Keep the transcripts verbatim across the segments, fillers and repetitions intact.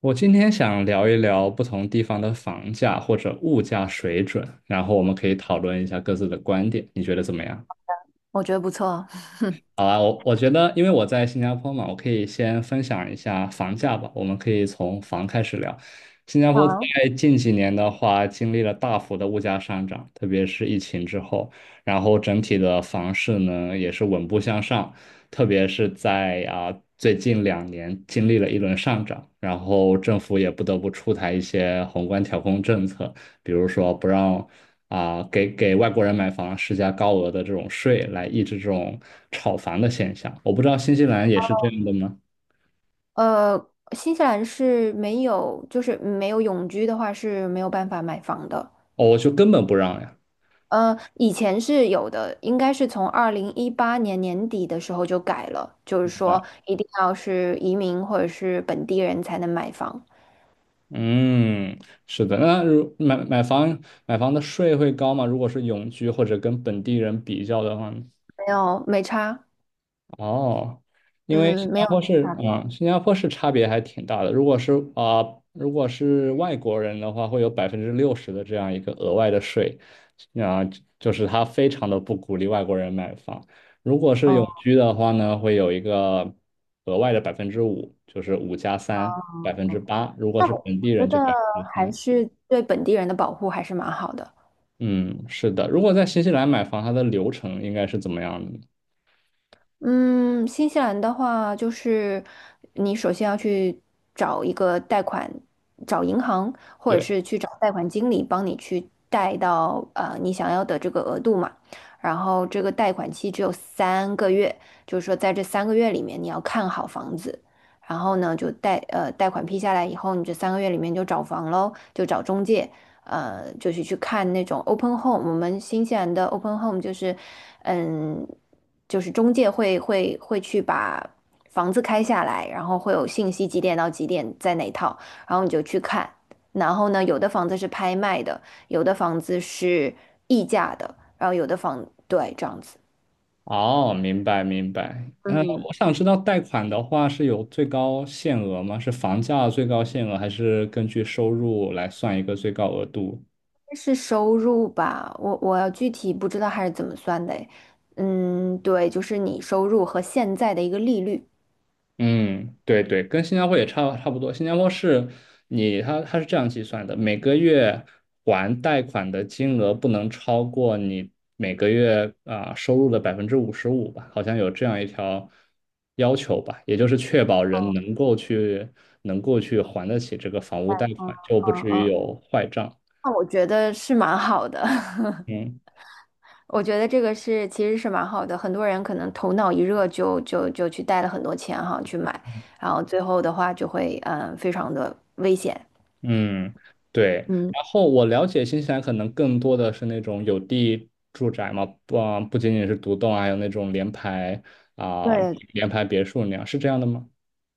我今天想聊一聊不同地方的房价或者物价水准，然后我们可以讨论一下各自的观点，你觉得怎么样？我觉得不错。好啊，我我觉得，因为我在新加坡嘛，我可以先分享一下房价吧。我们可以从房开始聊。新加坡在好，近几年的话，经历了大幅的物价上涨，特别是疫情之后，然后整体的房市呢也是稳步向上，特别是在啊最近两年经历了一轮上涨，然后政府也不得不出台一些宏观调控政策，比如说不让啊、给给外国人买房施加高额的这种税，来抑制这种炒房的现象。我不知道新西兰也是这样的吗？呃，新西兰是没有，就是没有永居的话是没有办法买房的。哦，我就根本不让呀。呃，以前是有的，应该是从二零一八年年底的时候就改了，就是明说白。一定要是移民或者是本地人才能买房，嗯，是的。那如买买房买房的税会高吗？如果是永居或者跟本地人比较的话呢？没有没差，哦，因为新嗯，没加有坡是差别。啊、新加坡是差别还挺大的。如果是啊、如果是外国人的话，会有百分之六十的这样一个额外的税。啊、就是他非常的不鼓励外国人买房。如果是永哦，居的话呢，会有一个额外的百分之五，就是五加三，百分之八。如果那是我本地觉人就得百分之还三。是对本地人的保护还是蛮好的。嗯，是的。如果在新西兰买房，它的流程应该是怎么样的呢？嗯，新西兰的话，就是你首先要去找一个贷款，找银行，或者对。是去找贷款经理帮你去贷到呃你想要的这个额度嘛。然后这个贷款期只有三个月，就是说在这三个月里面你要看好房子，然后呢就贷呃贷款批下来以后，你这三个月里面就找房喽，就找中介，呃，就是去看那种 open home，我们新西兰的 open home 就是，嗯，就是中介会会会去把房子开下来，然后会有信息几点到几点在哪套，然后你就去看。然后呢，有的房子是拍卖的，有的房子是溢价的，然后有的房，对，这样子。哦，明白明白。嗯，嗯，我想知道贷款的话是有最高限额吗？是房价最高限额，还是根据收入来算一个最高额度？是收入吧，我我要具体不知道还是怎么算的诶嗯，对，就是你收入和现在的一个利率。嗯，对对，跟新加坡也差差不多。新加坡是你，它它是这样计算的，每个月还贷款的金额不能超过你每个月啊、收入的百分之五十五吧，好像有这样一条要求吧，也就是确保人能够去能够去还得起这个房屋贷嗯款，就不嗯至于嗯。有坏账。那我觉得是蛮好的，嗯。我觉得这个是其实是蛮好的。很多人可能头脑一热就就就去带了很多钱哈去买，然后最后的话就会嗯非常的危险。嗯，对。嗯，然后我了解新西兰可能更多的是那种有地住宅嘛，不啊不仅仅是独栋，还有那种联排啊、对联排别墅那样，是这样的吗？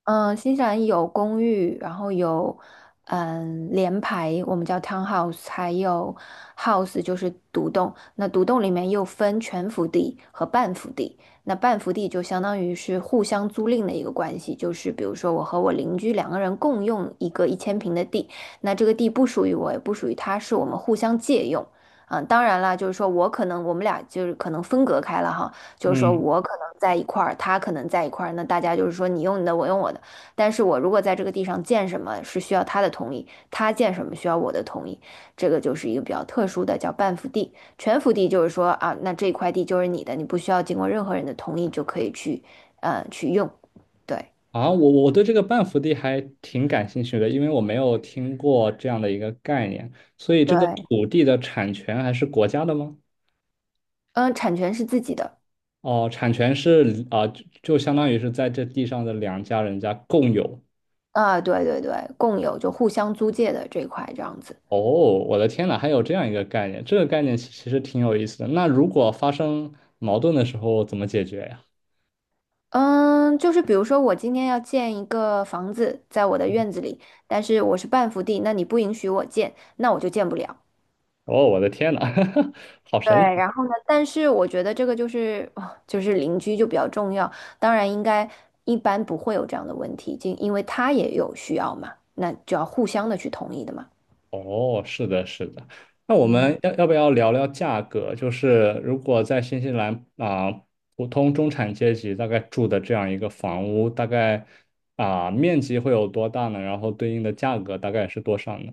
嗯，新西兰有公寓，然后有嗯联排，我们叫 townhouse，还有 house 就是独栋。那独栋里面又分全幅地和半幅地。那半幅地就相当于是互相租赁的一个关系，就是比如说我和我邻居两个人共用一个一千平的地，那这个地不属于我，也不属于他，是我们互相借用。嗯，当然啦，就是说我可能我们俩就是可能分隔开了哈。就是说嗯，我可能在一块儿，他可能在一块儿，那大家就是说你用你的，我用我的。但是我如果在这个地上建什么是需要他的同意，他建什么需要我的同意，这个就是一个比较特殊的叫半幅地。全幅地就是说啊，那这块地就是你的，你不需要经过任何人的同意就可以去，呃，去用。对啊，我我对这个半幅地还挺感兴趣的，因为我没有听过这样的一个概念，所以这个对，土地的产权还是国家的吗？嗯，产权是自己的哦，产权是啊、就就相当于是在这地上的两家人家共有。啊，对对对，共有就互相租借的这一块这样子。哦，我的天呐，还有这样一个概念，这个概念其其实挺有意思的。那如果发生矛盾的时候怎么解决呀？嗯，就是比如说，我今天要建一个房子在我的院子里，但是我是半幅地，那你不允许我建，那我就建不了。哦，我的天呐，好对，神奇！然后呢，但是我觉得这个就是哦就是邻居就比较重要，当然应该一般不会有这样的问题，就因为他也有需要嘛，那就要互相的去同意的嘛。哦，是的，是的。那我们要要不要聊聊价格？就是如果在新西兰啊、普通中产阶级大概住的这样一个房屋，大概啊、面积会有多大呢？然后对应的价格大概是多少呢？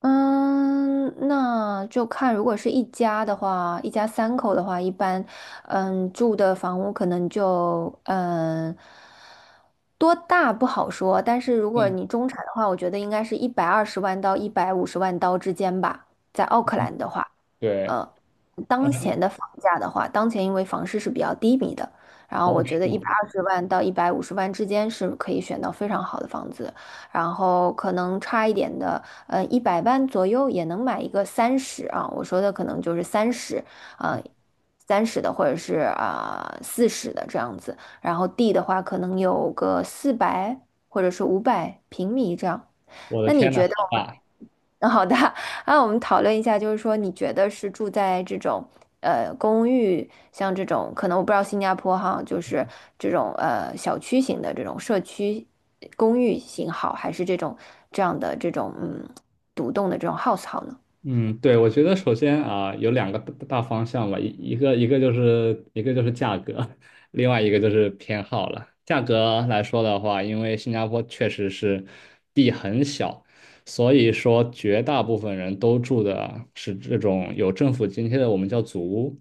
嗯，那就看，如果是一家的话，一家三口的话，一般，嗯，住的房屋可能就，嗯，多大不好说，但是如果嗯，你中产的话，我觉得应该是一百二十万到一百五十万刀之间吧，在奥克兰的话，对，呃，呃，当前的房价的话，当前因为房市是比较低迷的，然后哦，我觉是得一吗？百二十万到一百五十万之间是可以选到非常好的房子，然后可能差一点的。呃，一百万左右也能买一个三十啊，我说的可能就是三十，啊，三十的或者是啊四十的这样子，然后地的话可能有个四百或者是五百平米这样。我的那你天呐，觉得好我们，大！嗯好的，啊，我们讨论一下，就是说，你觉得是住在这种呃公寓，像这种可能我不知道新加坡哈，就是这种呃小区型的这种社区公寓型好，还是这种这样的这种嗯独栋的这种 house 好呢？嗯，对，我觉得首先啊，有两个大大方向吧，一一个一个就是一个就是价格，另外一个就是偏好了。价格来说的话，因为新加坡确实是地很小，所以说绝大部分人都住的是这种有政府津贴的，我们叫祖屋。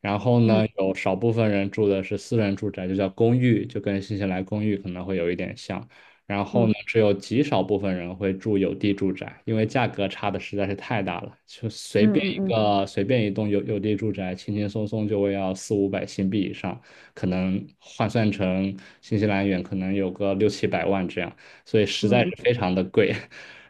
然后嗯呢，有少部分人住的是私人住宅，就叫公寓，就跟新西兰公寓可能会有一点像。然后呢，嗯只有极少部分人会住有地住宅，因为价格差的实在是太大了。就随嗯便嗯一嗯个随便一栋有有地住宅，轻轻松松就会要四五百新币以上，可能换算成新西兰元，可能有个六七百万这样，所以实在嗯是非常的贵。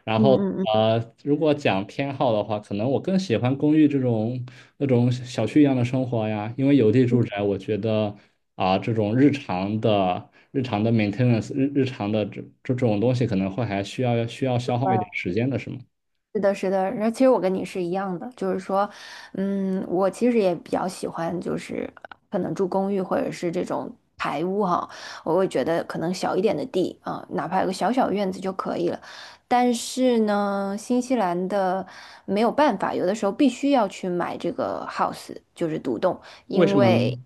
然嗯后嗯嗯呃，如果讲偏好的话，可能我更喜欢公寓这种那种小区一样的生活呀。因为有地嗯，住嗯宅，我觉得啊、这种日常的日常的 maintenance 日日常的这这种东西，可能会还需要需要消耗一点时间的，是吗？是的，是的，然后其实我跟你是一样的，就是说，嗯，我其实也比较喜欢，就是可能住公寓或者是这种排屋哈，我会觉得可能小一点的地啊，哪怕有个小小院子就可以了。但是呢，新西兰的没有办法，有的时候必须要去买这个 house，就是独栋，为因什么为。呢？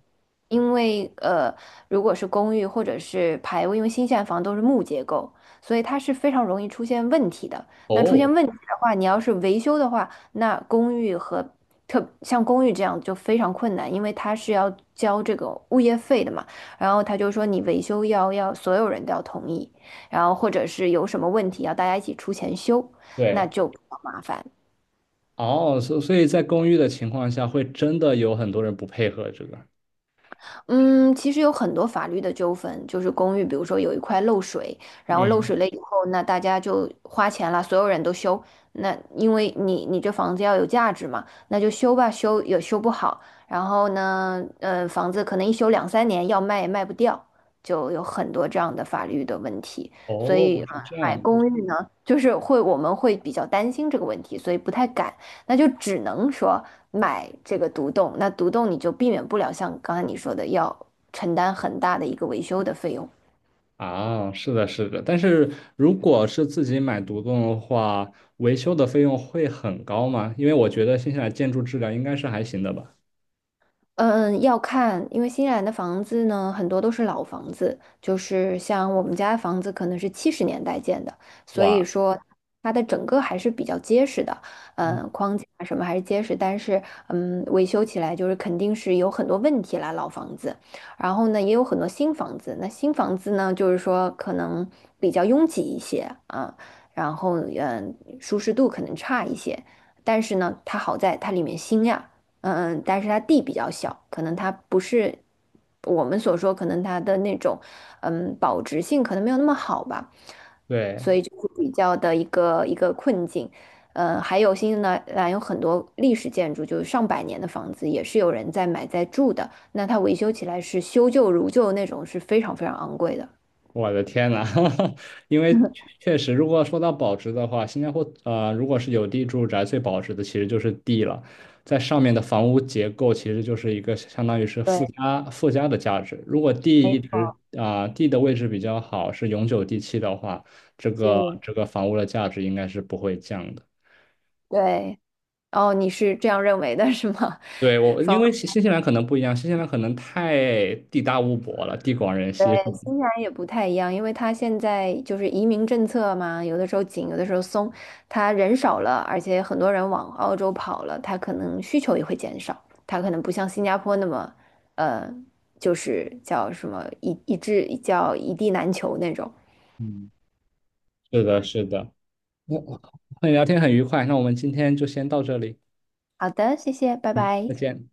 因为呃，如果是公寓或者是排屋，因为新西兰房都是木结构，所以它是非常容易出现问题的。那出现哦，问题的话，你要是维修的话，那公寓和特像公寓这样就非常困难，因为它是要交这个物业费的嘛。然后他就说你维修要要所有人都要同意，然后或者是有什么问题要大家一起出钱修，那对，就比较麻烦。哦，所所以在公寓的情况下，会真的有很多人不配合这个。嗯，其实有很多法律的纠纷，就是公寓，比如说有一块漏水，然后漏嗯，水了以后，那大家就花钱了，所有人都修。那因为你你这房子要有价值嘛，那就修吧，修也修不好。然后呢，呃，房子可能一修两三年，要卖也卖不掉，就有很多这样的法律的问题。所以，哦，是呃这买样公寓呢，就是会我们会比较担心这个问题，所以不太敢。那就只能说买这个独栋。那独栋你就避免不了像刚才你说的要承担很大的一个维修的费用。啊，是的，是的，但是如果是自己买独栋的话，维修的费用会很高吗？因为我觉得新西兰建筑质量应该是还行的吧。嗯，要看，因为新西兰的房子呢，很多都是老房子，就是像我们家的房子可能是七十年代建的，所以哇，说它的整个还是比较结实的，嗯，嗯，框架啊什么还是结实，但是嗯，维修起来就是肯定是有很多问题啦，老房子，然后呢也有很多新房子，那新房子呢就是说可能比较拥挤一些啊，然后嗯，舒适度可能差一些，但是呢它好在它里面新呀。嗯嗯但是它地比较小，可能它不是我们所说，可能它的那种嗯保值性可能没有那么好吧，对，所以就是比较的一个一个困境。呃，还有新西兰兰有很多历史建筑，就是上百年的房子，也是有人在买在住的。那它维修起来是修旧如旧那种，是非常非常昂贵的。我的天呐，因为确确实，如果说到保值的话，新加坡呃，如果是有地住宅，最保值的其实就是地了，在上面的房屋结构其实就是一个相当于是附对，加附加的价值。如果地一直啊、地的位置比较好，是永久地契的话，这个是。这个房屋的价值应该是不会降的。对，哦，你是这样认为的是吗？对。我，因为 新新西兰可能不一样，新西兰可能太地大物博了，地广人稀。新西兰也不太一样，因为它现在就是移民政策嘛，有的时候紧，有的时候松。它人少了，而且很多人往澳洲跑了，它可能需求也会减少。它可能不像新加坡那么，呃，就是叫什么一一致叫一地难求那种。嗯，是的，是的。我我和你 聊天很愉快，那我们今天就先到这里，好的，谢谢，拜嗯，拜。再见。